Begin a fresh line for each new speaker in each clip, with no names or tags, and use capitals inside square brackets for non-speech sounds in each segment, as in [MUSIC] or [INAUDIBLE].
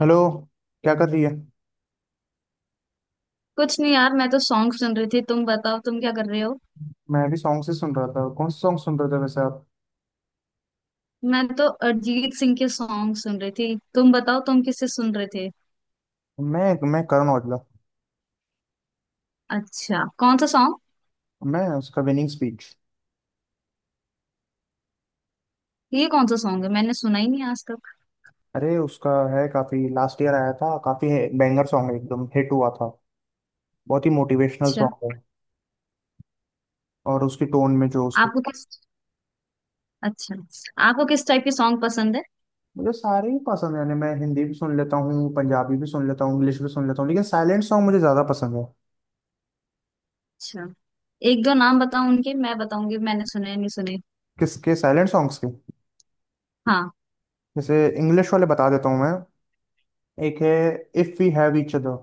Hello. क्या कर रही है।
कुछ नहीं यार, मैं तो सॉन्ग सुन रही थी। तुम बताओ, तुम क्या कर रहे हो।
मैं भी सॉन्ग से सुन रहा था। कौन सा सॉन्ग सुन रहे थे वैसे आप।
मैं तो अरिजीत सिंह के सॉन्ग सुन रही थी। तुम बताओ, तुम किससे सुन रहे थे।
मैं करण औजला।
अच्छा, कौन सा सॉन्ग।
मैं उसका विनिंग स्पीच।
ये कौन सा सॉन्ग है, मैंने सुना ही नहीं आज तक।
अरे उसका है। काफी लास्ट ईयर आया था। काफी बैंगर सॉन्ग है, एकदम हिट हुआ था। बहुत ही मोटिवेशनल
अच्छा।
सॉन्ग है। और उसकी टोन में जो उसकी।
आपको किस अच्छा आपको किस टाइप के सॉन्ग पसंद है।
मुझे सारे ही पसंद है, यानी मैं हिंदी भी सुन लेता हूँ, पंजाबी भी सुन लेता हूँ, इंग्लिश भी सुन लेता हूँ, लेकिन साइलेंट सॉन्ग मुझे ज्यादा पसंद है।
अच्छा, एक दो नाम बताओ उनके, मैं बताऊंगी मैंने सुने या नहीं सुने।
किसके साइलेंट सॉन्ग्स के।
हाँ।
जैसे इंग्लिश वाले बता देता हूँ मैं। एक है। If we have each other.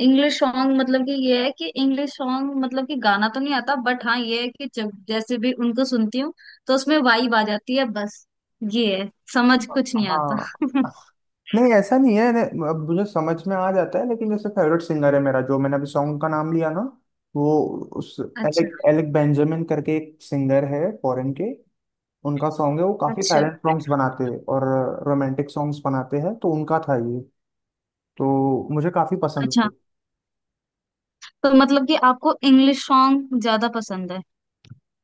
English song मतलब कि ये है कि इंग्लिश सॉन्ग मतलब कि गाना तो नहीं आता, बट हाँ ये है कि जब जैसे भी उनको सुनती हूँ तो उसमें वाइब आ जाती है बस। ये है, समझ कुछ नहीं आता।
हाँ।
[LAUGHS]
[LAUGHS] नहीं ऐसा नहीं है। अब मुझे समझ में आ जाता है, लेकिन जैसे फेवरेट सिंगर है मेरा, जो मैंने अभी सॉन्ग का नाम लिया ना। वो। उस
अच्छा।
एलेक एलेक बेंजामिन करके एक सिंगर है फॉरेन के। उनका सॉन्ग है, वो काफी
अच्छा।
साइलेंट सॉन्ग्स बनाते हैं, और रोमांटिक सॉन्ग्स बनाते हैं, तो उनका था ये। तो मुझे काफी पसंद
अच्छा,
है।
तो मतलब कि आपको इंग्लिश सॉन्ग ज्यादा पसंद है।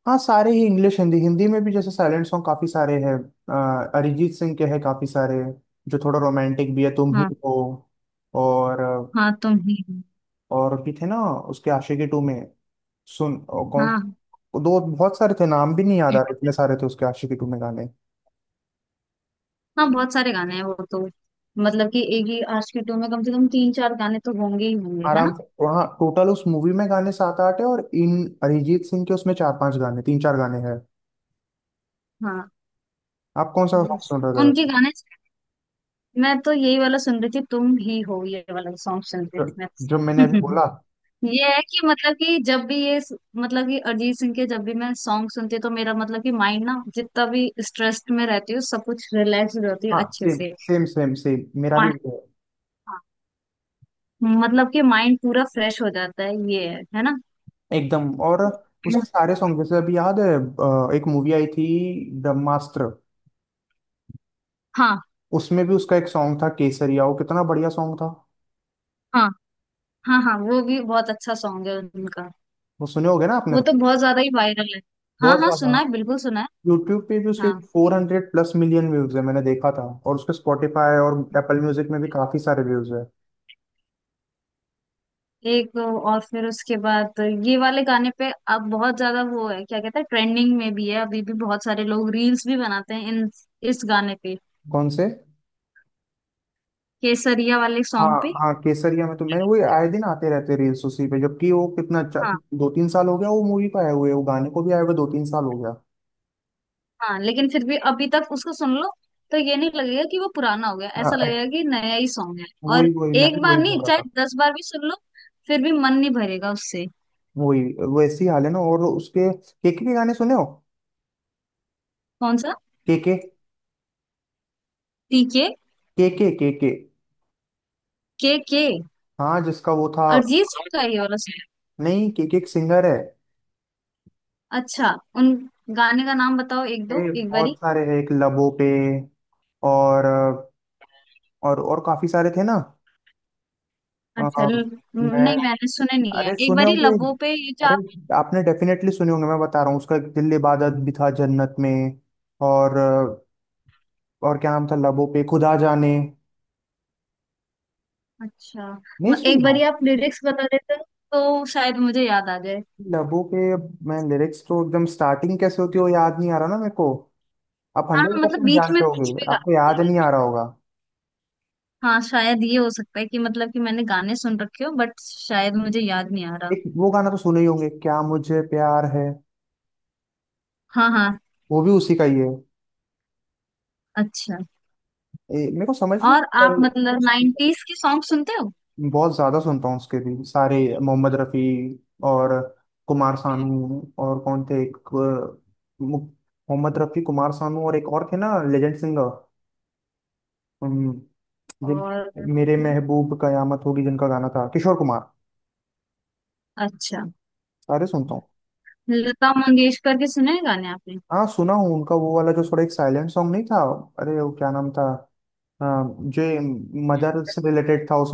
हाँ, सारे ही इंग्लिश, हिंदी हिंदी में भी जैसे साइलेंट सॉन्ग काफी सारे हैं। अरिजीत सिंह के हैं काफी सारे, जो थोड़ा रोमांटिक भी है, तुम ही
हाँ।
हो। और।
हाँ, तुम ही हो।
और भी थे ना, उसके आशिकी टू में। सुन और कौन।
हाँ।
दो बहुत सारे थे, नाम भी नहीं याद आ रहे। हाँ इतने सारे थे उसके आशिकी टू में गाने।
हाँ, बहुत सारे गाने हैं वो तो। मतलब कि एक ही आज के टू में कम से कम तीन चार गाने तो होंगे ही होंगे, है
आराम
ना।
से, वहाँ टोटल उस मूवी में गाने सात आठ है, और इन अरिजीत सिंह के उसमें चार पांच गाने, तीन चार गाने हैं।
हाँ।
आप कौन सा सॉन्ग
Yes.
सुन रहे
उनके
थे।
गाने मैं तो यही वाला सुन रही थी, तुम ही हो ये वाला सॉन्ग सुन रही
जो,
थी मैं।
जो मैंने अभी बोला।
[LAUGHS] ये है कि मतलब कि जब भी ये मतलब कि अरिजीत सिंह के जब भी मैं सॉन्ग सुनती हूँ तो मेरा मतलब कि माइंड ना, जितना भी स्ट्रेस्ड में रहती हूँ सब कुछ रिलैक्स हो जाती हूँ
हाँ
अच्छे
सेम
से।
सेम सेम सेम, मेरा
मा-
भी वही
हाँ, मतलब कि माइंड पूरा फ्रेश हो जाता है, ये है ना।
है। एकदम। और उसके
[LAUGHS]
सारे सॉन्ग, जैसे अभी याद है। एक मूवी आई थी, ब्रह्मास्त्र।
हाँ
उसमें भी उसका एक सॉन्ग था, केसरिया। वो कितना बढ़िया सॉन्ग था।
हाँ। हाँ, हाँ, वो भी बहुत अच्छा सॉन्ग है उनका।
वो सुने होगे ना आपने
वो तो
तो।
बहुत ज्यादा ही वायरल है। हाँ
बहुत
हाँ,
ज्यादा।
सुना है, बिल्कुल सुना है।
यूट्यूब पे भी उसके
हाँ,
400+ मिलियन व्यूज है, मैंने देखा था, और उसके स्पॉटिफाई और एप्पल म्यूजिक में भी काफी सारे व्यूज है।
एक और फिर उसके बाद ये वाले गाने पे अब बहुत ज्यादा वो है, क्या कहते हैं, ट्रेंडिंग में भी है अभी भी, बहुत सारे लोग रील्स भी बनाते हैं इन इस गाने पे।
कौन से।
केसरिया वाले
हाँ।
सॉन्ग पे।
हाँ केसरिया में तो मैं वो आए दिन आते रहते रील्स उसी पे, जबकि वो कितना अच्छा,
हाँ।
2-3 साल हो गया वो मूवी को आए हुए, वो गाने को भी आए हुए 2-3 साल हो गया।
हाँ, लेकिन फिर भी अभी तक उसको सुन लो तो ये नहीं लगेगा कि वो पुराना हो गया,
हाँ।
ऐसा लगेगा कि नया ही सॉन्ग है।
वही
और
वही, मैं भी
एक बार
वही बोल
नहीं,
रहा था।
चाहे दस बार भी सुन लो फिर भी मन नहीं भरेगा उससे।
वही। वैसी हाल है ना। और उसके केके के गाने सुने हो।
कौन सा।
केके
टीके।
केके केके
के के।
हाँ जिसका वो था।
अरिजीत सिंह का ये वाला सॉन्ग।
नहीं, केके एक सिंगर है।
अच्छा। उन गाने का नाम बताओ एक दो,
ये
एक
बहुत
बारी।
सारे हैं, एक लबों पे। और। और काफी सारे थे ना।
अच्छा
अ,
ल-
मैं।
नहीं, मैंने सुने नहीं है।
अरे
एक
सुने
बारी
होंगे।
लबों पे, ये जो
अरे।
आप।
आपने डेफिनेटली सुने होंगे, मैं बता रहा हूँ। उसका एक दिल इबादत भी था जन्नत में। और। और क्या नाम था, लबों पे खुदा जाने।
अच्छा।
नहीं सुन
एक
रहा
बारी
हूँ।
आप लिरिक्स बता देते तो शायद मुझे याद आ जाए।
लबों पे, अब मैं लिरिक्स तो एकदम स्टार्टिंग कैसे होती है वो याद नहीं आ रहा ना मेरे को। आप
हाँ
हंड्रेड
हाँ, मतलब
परसेंट
बीच में
जानते
कुछ भी
होगे,
गा
आपको याद
बोले।
नहीं आ रहा होगा।
हाँ, शायद ये हो सकता है कि मतलब कि मैंने गाने सुन रखे हो बट शायद मुझे याद नहीं आ रहा।
एक वो गाना तो सुने ही होंगे, क्या मुझे प्यार है।
हाँ हाँ।
वो भी उसी का ही है।
अच्छा।
मेरे को समझ में
और आप
नहीं।
मतलब नाइन्टीज के सॉन्ग सुनते हो।
बहुत ज्यादा सुनता हूँ, उसके भी सारे। मोहम्मद रफी। और। कुमार सानू, और कौन थे एक। मोहम्मद रफी, कुमार सानू, और एक और थे ना लेजेंड सिंगर। हम्म, जिन।
और
मेरे महबूब कयामत होगी, जिनका गाना था, किशोर कुमार।
अच्छा।
सारे सुनता हूँ।
लता मंगेशकर के सुने हैं गाने आपने।
हाँ सुना हूँ, उनका वो वाला जो थोड़ा एक साइलेंट सॉन्ग, नहीं था। अरे वो क्या नाम था। आ, जो मदर से रिलेटेड था वो।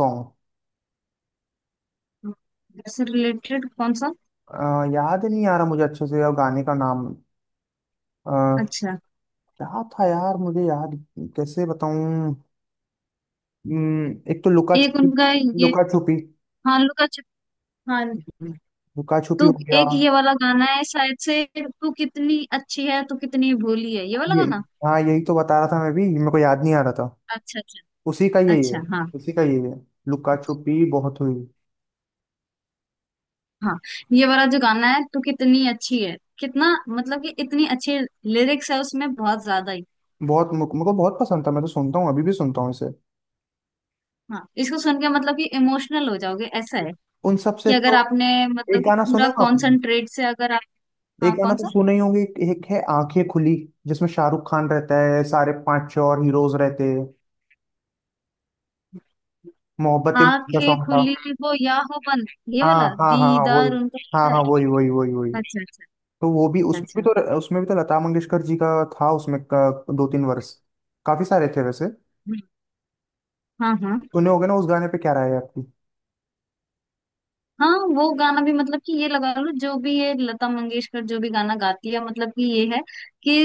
उससे रिलेटेड कौन सा।
सॉन्ग याद नहीं आ रहा मुझे अच्छे से, अब गाने का नाम
अच्छा।
क्या था यार मुझे याद। कैसे बताऊं। एक तो लुका
एक
छुपी।
उनका ये
लुका छुपी।
भालू का। हाँ जी।
लुका छुपी हो
तू।
गया।
एक ये वाला गाना है शायद से, तू कितनी अच्छी है तू कितनी भोली है, ये वाला
ये।
गाना।
हाँ यही तो बता रहा था मैं भी, मेरे को याद नहीं आ रहा था।
अच्छा अच्छा।
उसी का यही है।
अच्छा हाँ।
उसी का यही है। लुका छुपी बहुत हुई।
हाँ, ये वाला जो गाना है, तू कितनी अच्छी है, कितना मतलब कि इतनी अच्छी लिरिक्स है उसमें, बहुत ज्यादा ही।
बहुत मेरे को बहुत पसंद था, मैं तो सुनता हूँ, अभी भी सुनता हूँ इसे।
हाँ, इसको सुन के मतलब कि इमोशनल हो जाओगे ऐसा है
उन
कि
सबसे
अगर
तो।
आपने
एक
मतलब कि
गाना
पूरा
सुने हो आपने।
कॉन्सेंट्रेट से अगर आप।
एक
हाँ,
गाना
कौन
तो
सा।
सुने ही होंगे, एक एक है, आंखें खुली। जिसमें शाहरुख खान रहता है, सारे पांच छह और हीरोज रहते हैं। मोहब्बतें का
आंखें
सॉन्ग था।
खुली हो या हो बंद, ये
हाँ
वाला
हाँ हाँ हाँ, वही।
दीदार उनका
हाँ
होता है।
हाँ, वही वही वही वही।
अच्छा अच्छा।
तो वो भी,
अच्छा
उसमें भी
अच्छा।
तो। उसमें भी तो लता मंगेशकर जी का था उसमें का, 2-3 वर्ष, काफी सारे थे वैसे।
हम्म, हाँ हाँ।
सुने होगे ना उस गाने पे, क्या राय है आपकी।
हाँ, वो गाना भी मतलब कि ये लगा लो, जो भी ये लता मंगेशकर जो भी गाना गाती है मतलब कि ये है कि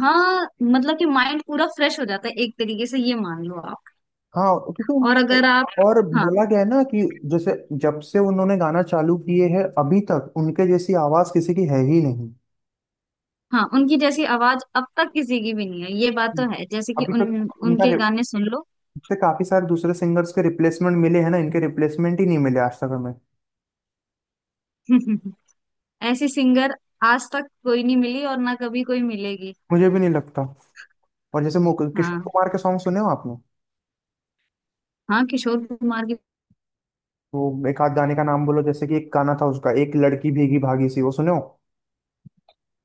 हाँ मतलब कि माइंड पूरा फ्रेश हो जाता है एक तरीके से, ये मान लो आप।
हाँ, क्योंकि
और
उनकी।
अगर आप।
और
हाँ।
बोला गया है ना कि, जैसे, जब से उन्होंने गाना चालू किए हैं अभी तक उनके जैसी आवाज किसी की है ही नहीं।
हाँ, उनकी जैसी आवाज अब तक किसी की भी नहीं है ये बात तो है, जैसे कि
अभी
उन
तक उनका
उनके गाने सुन लो।
इससे काफी सारे दूसरे सिंगर्स के रिप्लेसमेंट मिले हैं ना, इनके रिप्लेसमेंट ही नहीं मिले आज तक हमें।
[LAUGHS] ऐसी सिंगर आज तक कोई नहीं मिली और ना कभी कोई मिलेगी।
मुझे भी नहीं लगता। और जैसे किशोर
हाँ।
कुमार के सॉन्ग सुने हो आपने।
हाँ, किशोर कुमार की।
वो एक आध गाने का नाम बोलो, जैसे कि एक गाना था उसका, एक लड़की भीगी भागी सी, वो सुनो।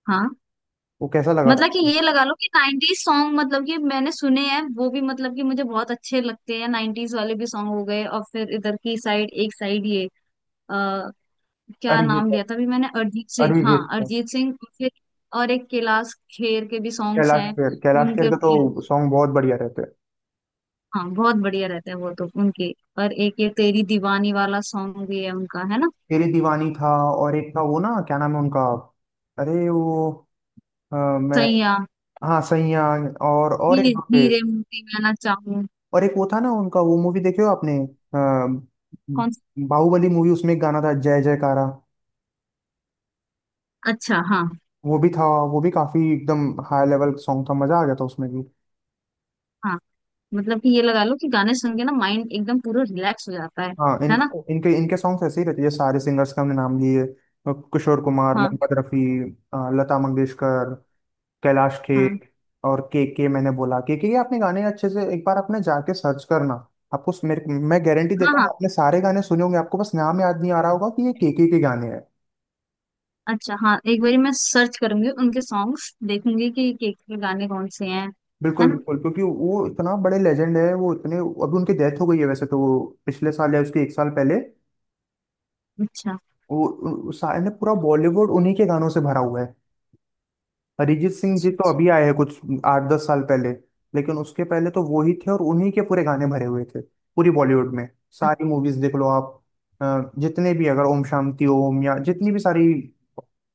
हाँ,
वो कैसा लगा था
मतलब कि
आपको?
ये लगा लो कि 90s सॉन्ग मतलब कि मैंने सुने हैं वो भी, मतलब कि मुझे बहुत अच्छे लगते हैं 90s वाले भी। सॉन्ग हो गए और फिर इधर की साइड एक साइड ये आ, क्या
अरिजीत
नाम
का-
लिया था अभी मैंने, अरिजीत सिंह, हाँ
अरिजीत का,
अरिजीत सिंह। फिर और एक कैलाश खेर के भी सॉन्ग्स
कैलाश
हैं
खेर। कैलाश खेर
उनके
का तो
भी हैं।
सॉन्ग बहुत बढ़िया रहते हैं।
हाँ, बहुत बढ़िया रहते हैं वो तो उनके। और एक ये तेरी दीवानी वाला सॉन्ग भी है उनका, है ना।
तेरी दीवानी था। और एक था वो ना, क्या नाम है उनका। अरे वो। मैं।
सैया।
हाँ सैया। और
हीरे।
एक दो थे।
हीरे मोती मैं ना चाहूँ।
और एक वो था ना उनका, वो मूवी देखे हो आपने।
कौन
बाहुबली मूवी, उसमें एक गाना था, जय जयकारा।
सा। अच्छा हाँ।
वो भी था। वो भी काफी एकदम हाई लेवल सॉन्ग था, मजा आ गया था उसमें भी।
हाँ, मतलब कि ये लगा लो कि गाने सुन के ना माइंड एकदम पूरा रिलैक्स हो जाता है।
हाँ,
है ना।
इनका इनके इनके सॉन्ग्स ऐसे ही रहते हैं। ये सारे सिंगर्स के हमने नाम लिए, किशोर कुमार,
हाँ
मोहम्मद रफ़ी, लता मंगेशकर, कैलाश
हाँ
खेर, और के के। मैंने बोला, के ये आपने गाने अच्छे से एक बार आपने जाके सर्च करना। आपको उस- मेरे मैं गारंटी
हाँ।
देता हूँ,
हाँ,
आपने सारे गाने सुने होंगे, आपको बस नाम याद नहीं आ रहा होगा कि ये के गाने हैं।
अच्छा हाँ, एक बारी मैं सर्च करूंगी उनके सॉन्ग्स, देखूंगी कि के गाने कौन से हैं।
बिल्कुल
है ना।
बिल्कुल, क्योंकि वो इतना बड़े लेजेंड है, वो इतने, अभी उनकी डेथ हो गई है वैसे तो वो, पिछले साल या उसके एक साल पहले।
अच्छा
वो सारे, पूरा बॉलीवुड उन्हीं के गानों से भरा हुआ है। अरिजीत सिंह जी तो
अच्छा।
अभी आए हैं कुछ 8-10 साल पहले, लेकिन उसके पहले तो वो ही थे और उन्हीं के पूरे गाने भरे हुए थे पूरी बॉलीवुड में। सारी मूवीज देख लो आप। जितने भी, अगर ओम शांति ओम या जितनी भी सारी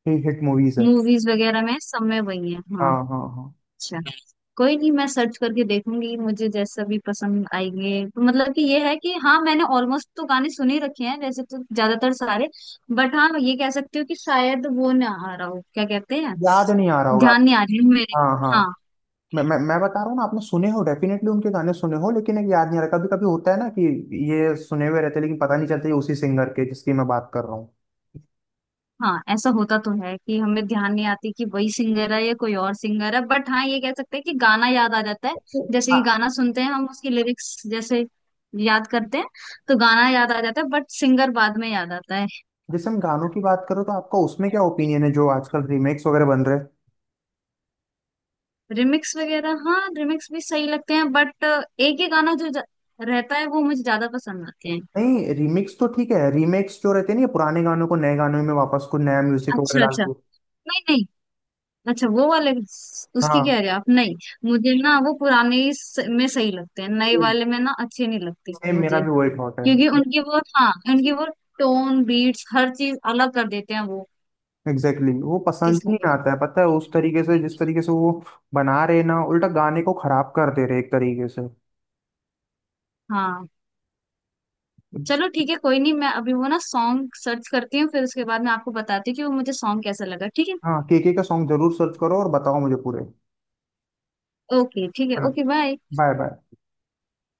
हिट मूवीज है।
मूवीज वगैरह में सब में वही है,
हाँ
हाँ।
हाँ हाँ।
अच्छा। कोई नहीं, मैं सर्च करके देखूंगी, मुझे जैसा भी पसंद आएंगे, तो मतलब कि ये है कि हाँ मैंने ऑलमोस्ट तो गाने सुन ही रखे हैं वैसे तो ज्यादातर सारे, बट हाँ ये कह सकती हूँ कि शायद वो ना आ रहा, हो क्या कहते हैं,
याद नहीं आ रहा होगा
ध्यान नहीं
आपको।
आ रही है मेरे।
हाँ हाँ।
हाँ।
मैं बता रहा हूँ ना, आपने सुने हो डेफिनेटली उनके गाने, सुने हो लेकिन एक याद नहीं आ रहा, कभी कभी होता है ना कि ये सुने हुए रहते हैं, लेकिन पता नहीं चलता ये उसी सिंगर के जिसकी मैं बात कर रहा
हाँ, ऐसा होता तो है कि हमें ध्यान नहीं आती कि वही सिंगर है या कोई और सिंगर है, बट हाँ ये कह सकते हैं कि गाना याद आ जाता है।
हूँ।
जैसे कि गाना सुनते हैं हम उसकी लिरिक्स जैसे याद करते हैं तो गाना याद आ जाता है, बट सिंगर बाद में याद आता है।
जैसे हम गानों की बात करो तो आपका उसमें क्या ओपिनियन है, जो आजकल रीमेक्स वगैरह बन रहे हैं।
रिमिक्स वगैरह, हाँ रिमिक्स भी सही लगते हैं बट एक ही गाना जो रहता है वो मुझे ज्यादा पसंद आते हैं।
नहीं, रीमिक्स तो ठीक है, रीमेक्स जो रहते हैं ना, ये पुराने गानों को नए गानों में वापस कुछ नया म्यूजिक वगैरह
अच्छा
डाल
अच्छा।
के।
नहीं नहीं। अच्छा वो वाले उसकी
हाँ
कह रहे हो आप। नहीं, मुझे ना वो पुराने में सही लगते हैं, नए वाले में ना अच्छे नहीं लगते वो
सेम मेरा
मुझे।
भी वही थॉट है।
क्योंकि उनकी वो, हाँ उनकी वो टोन बीट्स हर चीज अलग कर देते हैं वो।
Exactly exactly. वो पसंद ही
इसलिए।
नहीं आता है, पता है, उस तरीके से जिस तरीके से वो बना रहे ना, उल्टा गाने को खराब कर दे रहे एक तरीके से।
हाँ। चलो ठीक है, कोई नहीं मैं अभी वो ना सॉन्ग सर्च करती हूँ, फिर उसके बाद मैं आपको बताती हूँ कि वो मुझे सॉन्ग कैसा लगा, ठीक है।
हाँ, केके का सॉन्ग जरूर सर्च करो और बताओ मुझे पूरे।
ओके, ठीक है, ओके बाय।
Bye bye.